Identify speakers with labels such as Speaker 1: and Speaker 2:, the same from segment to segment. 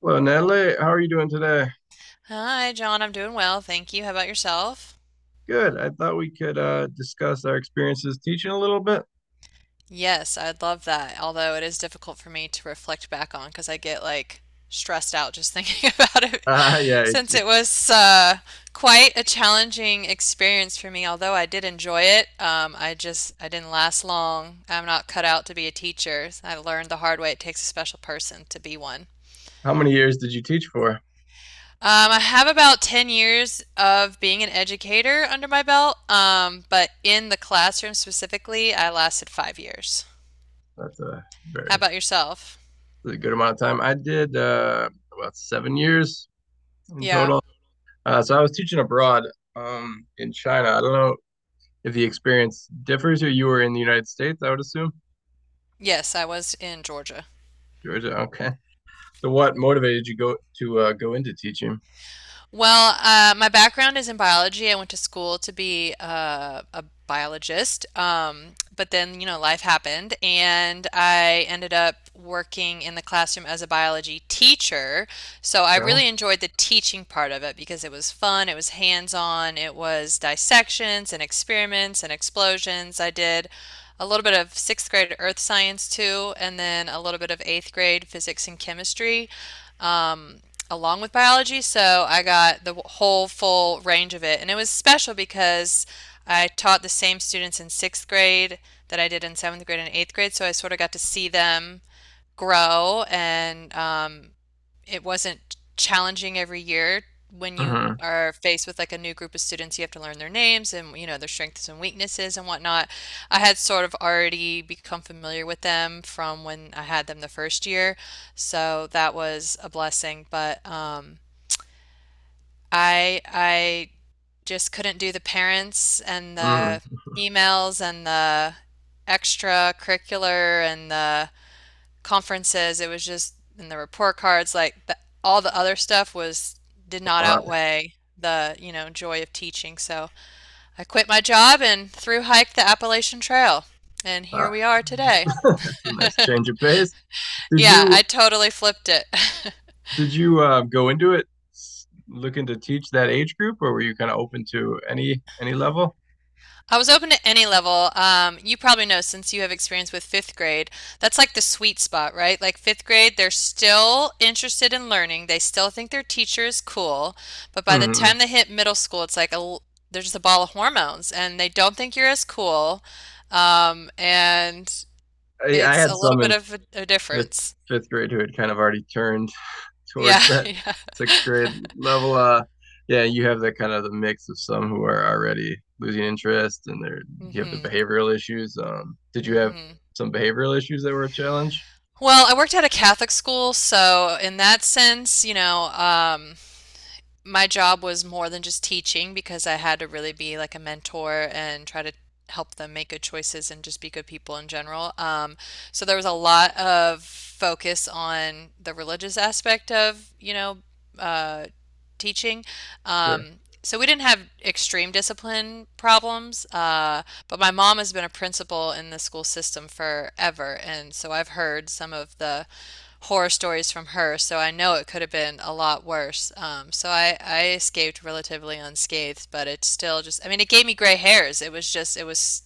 Speaker 1: Well, Natalie, how are you doing today?
Speaker 2: Hi, John. I'm doing well, thank you. How about yourself?
Speaker 1: Good. I thought we could discuss our experiences teaching a little bit.
Speaker 2: Yes, I'd love that. Although it is difficult for me to reflect back on because I get like stressed out just thinking about it
Speaker 1: Yeah.
Speaker 2: since it was quite a challenging experience for me. Although I did enjoy it, I just I didn't last long. I'm not cut out to be a teacher. I learned the hard way it takes a special person to be one.
Speaker 1: How many years did you teach for?
Speaker 2: I have about 10 years of being an educator under my belt, but in the classroom specifically, I lasted 5 years.
Speaker 1: That's a
Speaker 2: How
Speaker 1: very
Speaker 2: about yourself?
Speaker 1: that's a good amount of time. I did about 7 years in
Speaker 2: Yeah.
Speaker 1: total. So I was teaching abroad in China. I don't know if the experience differs or you were in the United States, I would assume.
Speaker 2: Yes, I was in Georgia.
Speaker 1: Georgia. Okay. So what motivated you go to go into teaching?
Speaker 2: Well, my background is in biology. I went to school to be a biologist, but then, you know, life happened, and I ended up working in the classroom as a biology teacher. So I
Speaker 1: Yeah.
Speaker 2: really enjoyed the teaching part of it because it was fun, it was hands-on, it was dissections and experiments and explosions. I did a little bit of sixth grade earth science too, and then a little bit of eighth grade physics and chemistry, um, along with biology. So I got the whole full range of it. And it was special because I taught the same students in sixth grade that I did in seventh grade and eighth grade. So I sort of got to see them grow and it wasn't challenging every year when you
Speaker 1: Mm-hmm.
Speaker 2: are faced with like a new group of students, you have to learn their names and you know their strengths and weaknesses and whatnot. I had sort of already become familiar with them from when I had them the first year, so that was a blessing. But I just couldn't do the parents and
Speaker 1: Mm.
Speaker 2: the emails and the extracurricular and the conferences, it was just in the report cards, like the, all the other stuff was did not
Speaker 1: Wow.
Speaker 2: outweigh the, you know, joy of teaching. So I quit my job and through hiked the Appalachian Trail. And
Speaker 1: Ah.
Speaker 2: here we are today.
Speaker 1: That's a nice change of pace. Did
Speaker 2: Yeah,
Speaker 1: you
Speaker 2: I totally flipped it.
Speaker 1: did you go into it looking to teach that age group, or were you kind of open to any level?
Speaker 2: I was open to any level. You probably know since you have experience with fifth grade, that's like the sweet spot, right? Like fifth grade, they're still interested in learning. They still think their teacher is cool. But by the
Speaker 1: Hmm.
Speaker 2: time they hit middle school, it's like they're just a ball of hormones and they don't think you're as cool. And
Speaker 1: I
Speaker 2: it's
Speaker 1: had
Speaker 2: a little
Speaker 1: some
Speaker 2: bit
Speaker 1: in
Speaker 2: of a
Speaker 1: fifth
Speaker 2: difference.
Speaker 1: fifth grade who had kind of already turned
Speaker 2: Yeah,
Speaker 1: towards that
Speaker 2: yeah.
Speaker 1: sixth grade level. Yeah, you have that kind of the mix of some who are already losing interest, and they're you have the
Speaker 2: Mm-hmm.
Speaker 1: behavioral issues. Did you have
Speaker 2: Mm-hmm.
Speaker 1: some behavioral issues that were a challenge?
Speaker 2: Well, I worked at a Catholic school, so in that sense, you know, my job was more than just teaching because I had to really be like a mentor and try to help them make good choices and just be good people in general. So there was a lot of focus on the religious aspect of, you know, uh, teaching.
Speaker 1: Sure,
Speaker 2: So we didn't have extreme discipline problems, but my mom has been a principal in the school system forever, and so I've heard some of the horror stories from her, so I know it could have been a lot worse. So I escaped relatively unscathed, but it's still just, I mean, it gave me gray hairs. It was just, it was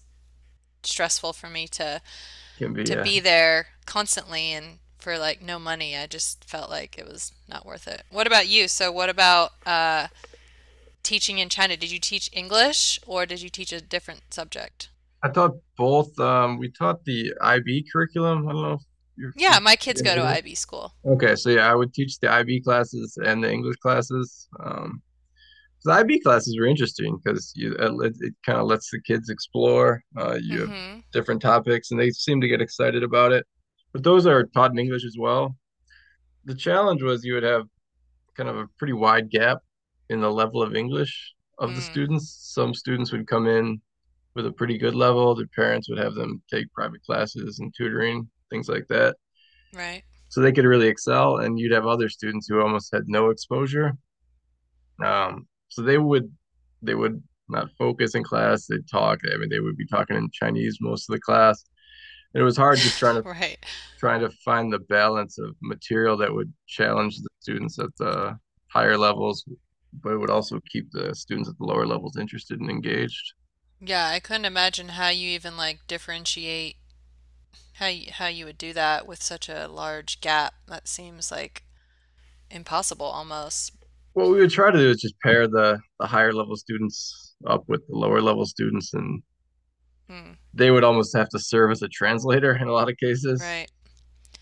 Speaker 2: stressful for me to
Speaker 1: can be
Speaker 2: to be there constantly and for like no money. I just felt like it was not worth it. What about you? So what about teaching in China, did you teach English or did you teach a different subject?
Speaker 1: I taught both. We taught the IB curriculum. I don't know if you're,
Speaker 2: Yeah,
Speaker 1: if
Speaker 2: my kids go to
Speaker 1: you're
Speaker 2: IB school.
Speaker 1: okay. So yeah, I would teach the IB classes and the English classes. The IB classes were interesting because you it kind of lets the kids explore. You have
Speaker 2: Mm-hmm.
Speaker 1: different topics, and they seem to get excited about it. But those are taught in English as well. The challenge was you would have kind of a pretty wide gap in the level of English of the
Speaker 2: Mm,
Speaker 1: students. Some students would come in with a pretty good level. Their parents would have them take private classes and tutoring, things like that.
Speaker 2: right.
Speaker 1: So they could really excel. And you'd have other students who almost had no exposure. So they would not focus in class. They'd talk. I mean, they would be talking in Chinese most of the class. And it was hard just
Speaker 2: Right.
Speaker 1: trying to find the balance of material that would challenge the students at the higher levels, but it would also keep the students at the lower levels interested and engaged.
Speaker 2: Yeah, I couldn't imagine how you even like differentiate how you would do that with such a large gap. That seems like impossible almost.
Speaker 1: What we would try to do is just pair the higher level students up with the lower level students, and
Speaker 2: Mm,
Speaker 1: they would almost have to serve as a translator in a lot of cases
Speaker 2: right.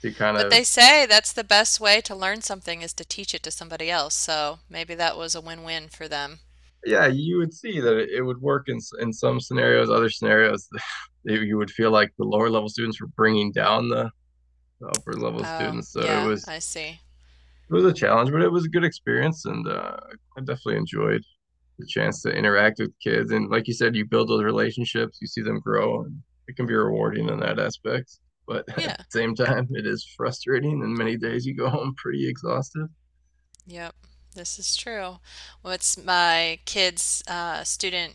Speaker 1: to kind
Speaker 2: But
Speaker 1: of,
Speaker 2: they say that's the best way to learn something is to teach it to somebody else. So maybe that was a win-win for them.
Speaker 1: yeah, you would see that it would work in some scenarios. Other scenarios you would feel like the lower level students were bringing down the upper level
Speaker 2: Oh,
Speaker 1: students. So
Speaker 2: yeah, I see.
Speaker 1: it was a challenge, but it was a good experience. And I definitely enjoyed the chance to interact with kids. And like you said, you build those relationships, you see them grow, and it can be rewarding in that aspect. But at the
Speaker 2: Yeah.
Speaker 1: same time, it is frustrating, and many
Speaker 2: Hmm.
Speaker 1: days you go home pretty exhausted.
Speaker 2: Yep, this is true. What's my kids' student,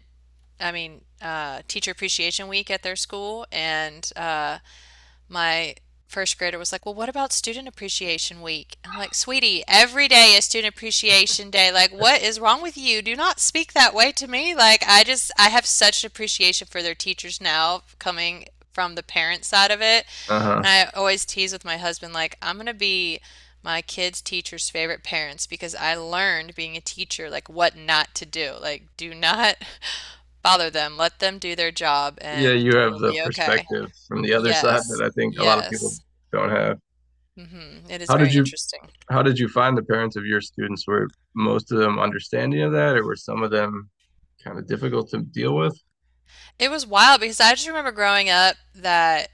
Speaker 2: I mean, teacher appreciation week at their school, and my first grader was like, "Well, what about student appreciation week?" I'm like, "Sweetie, every day is student appreciation day. Like, what is wrong with you? Do not speak that way to me. Like, I just, I have such appreciation for their teachers now, coming from the parent side of it.
Speaker 1: Uh huh.
Speaker 2: And I always tease with my husband, like, I'm gonna be my kids' teacher's favorite parents because I learned being a teacher, like, what not to do. Like, do not bother them, let them do their job,
Speaker 1: Yeah, you
Speaker 2: and
Speaker 1: have
Speaker 2: you'll
Speaker 1: the
Speaker 2: be okay.
Speaker 1: perspective from the other side that
Speaker 2: Yes,
Speaker 1: I think a lot of people
Speaker 2: yes.
Speaker 1: don't have.
Speaker 2: hmm It is
Speaker 1: How did
Speaker 2: very
Speaker 1: you
Speaker 2: interesting.
Speaker 1: how did you find the parents of your students? Were most of them understanding of that, or were some of them kind of difficult to deal with?
Speaker 2: It was wild because I just remember growing up that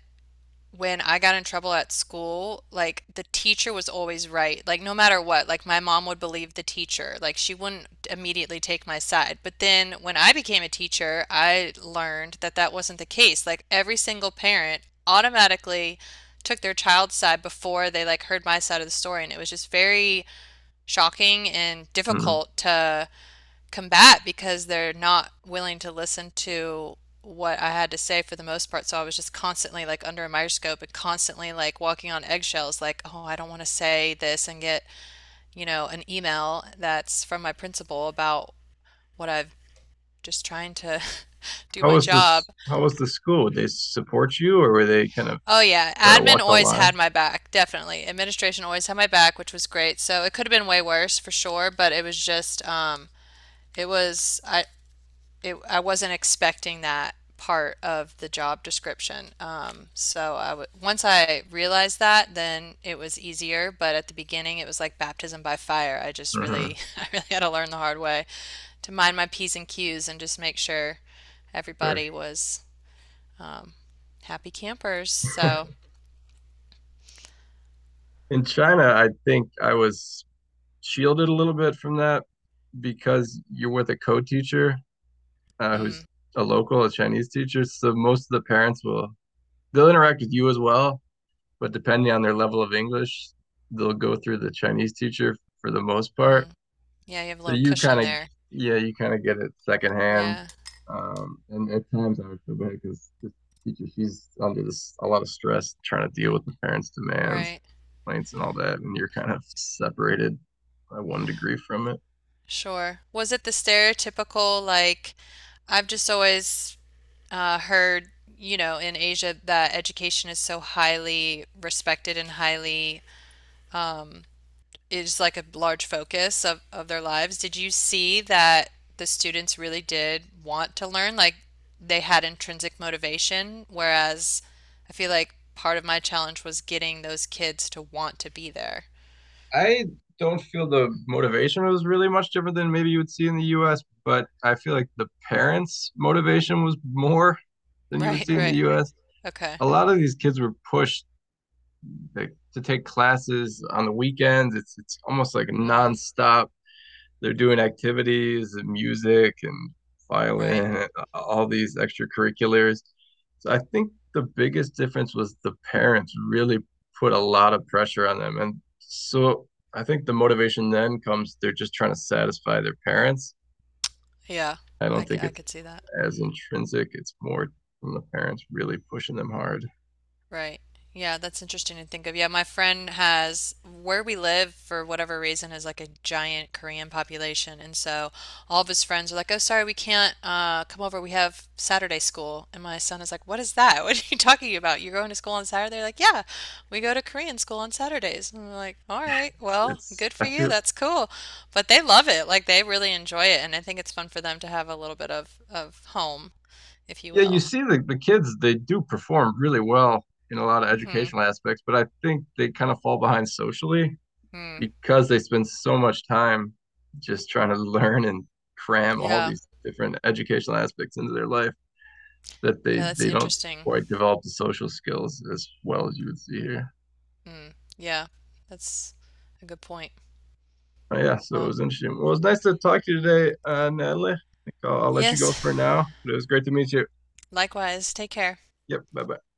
Speaker 2: when I got in trouble at school, like the teacher was always right. Like no matter what, like my mom would believe the teacher. Like she wouldn't immediately take my side. But then when I became a teacher, I learned that that wasn't the case. Like every single parent automatically took their child's side before they like heard my side of the story, and it was just very shocking and
Speaker 1: Mm-hmm.
Speaker 2: difficult to combat because they're not willing to listen to what I had to say for the most part. So I was just constantly like under a microscope and constantly like walking on eggshells, like, oh, I don't want to say this and get, you know, an email that's from my principal about what I've just trying to do
Speaker 1: How
Speaker 2: my
Speaker 1: was
Speaker 2: job.
Speaker 1: this? How was the school? Did they support you, or were they kind of
Speaker 2: Oh yeah,
Speaker 1: try to
Speaker 2: admin
Speaker 1: walk the
Speaker 2: always
Speaker 1: line?
Speaker 2: had my back, definitely. Administration always had my back, which was great. So it could have been way worse for sure, but it was just it was I it, I wasn't expecting that part of the job description. So I w once I realized that, then it was easier. But at the beginning, it was like baptism by fire. I just
Speaker 1: Mhm.
Speaker 2: really, I really had to learn the hard way to mind my P's and Q's and just make sure
Speaker 1: Sure.
Speaker 2: everybody was um, happy campers. So,
Speaker 1: In China, I think I was shielded a little bit from that because you're with a co-teacher
Speaker 2: mm,
Speaker 1: who's a local, a Chinese teacher. So most of the parents will they'll interact with you as well, but depending on their level of English, they'll go through the Chinese teacher for the most part.
Speaker 2: mm, yeah, you have a
Speaker 1: So
Speaker 2: little
Speaker 1: you kind
Speaker 2: cushion
Speaker 1: of,
Speaker 2: there.
Speaker 1: yeah, you kind of get it secondhand.
Speaker 2: Yeah,
Speaker 1: And at times I would feel bad because the teacher, she's under this a lot of stress trying to deal with the parents' demands,
Speaker 2: right.
Speaker 1: complaints and all that, and you're kind of separated by one degree from it.
Speaker 2: Sure. Was it the stereotypical, like, I've just always heard, you know, in Asia that education is so highly respected and highly um, is like a large focus of their lives. Did you see that the students really did want to learn? Like they had intrinsic motivation, whereas I feel like part of my challenge was getting those kids to want to be there.
Speaker 1: I don't feel the motivation was really much different than maybe you would see in the US, but I feel like the parents' motivation was more than you would
Speaker 2: Right,
Speaker 1: see in the
Speaker 2: right.
Speaker 1: US.
Speaker 2: Okay.
Speaker 1: A lot of these kids were pushed, like, to take classes on the weekends. It's almost like
Speaker 2: Mm,
Speaker 1: nonstop they're doing activities and music and
Speaker 2: right.
Speaker 1: violin, all these extracurriculars. So I think the biggest difference was the parents really put a lot of pressure on them. And so I think the motivation then comes they're just trying to satisfy their parents.
Speaker 2: Yeah,
Speaker 1: I
Speaker 2: I,
Speaker 1: don't
Speaker 2: c-
Speaker 1: think
Speaker 2: I
Speaker 1: it's
Speaker 2: could see that.
Speaker 1: as intrinsic, it's more from the parents really pushing them hard.
Speaker 2: Right. Yeah, that's interesting to think of. Yeah, my friend has where we live for whatever reason is like a giant Korean population, and so all of his friends are like, "Oh, sorry, we can't come over. We have Saturday school." And my son is like, "What is that? What are you talking about? You're going to school on Saturday?" They're like, "Yeah, we go to Korean school on Saturdays." And I'm like, "All right,
Speaker 1: It's,
Speaker 2: well,
Speaker 1: it's
Speaker 2: good
Speaker 1: I
Speaker 2: for you.
Speaker 1: feel,
Speaker 2: That's cool." But they love it. Like they really enjoy it, and I think it's fun for them to have a little bit of home, if you
Speaker 1: yeah, you
Speaker 2: will.
Speaker 1: see the kids, they do perform really well in a lot of
Speaker 2: Mm-hmm.
Speaker 1: educational aspects, but I think they kind of fall behind socially
Speaker 2: Mm.
Speaker 1: because they spend so much time just trying to learn and cram all
Speaker 2: Yeah.
Speaker 1: these different educational aspects into their life that
Speaker 2: Yeah, that's
Speaker 1: they don't
Speaker 2: interesting.
Speaker 1: quite develop the social skills as well as you would see here.
Speaker 2: Mm, yeah, that's a good point.
Speaker 1: Yeah, so it
Speaker 2: Well,
Speaker 1: was interesting. Well, it was nice to talk to you today, Natalie. I think I'll let you go for
Speaker 2: yes,
Speaker 1: now, but it was great to meet you.
Speaker 2: likewise. Take care.
Speaker 1: Yep, bye bye.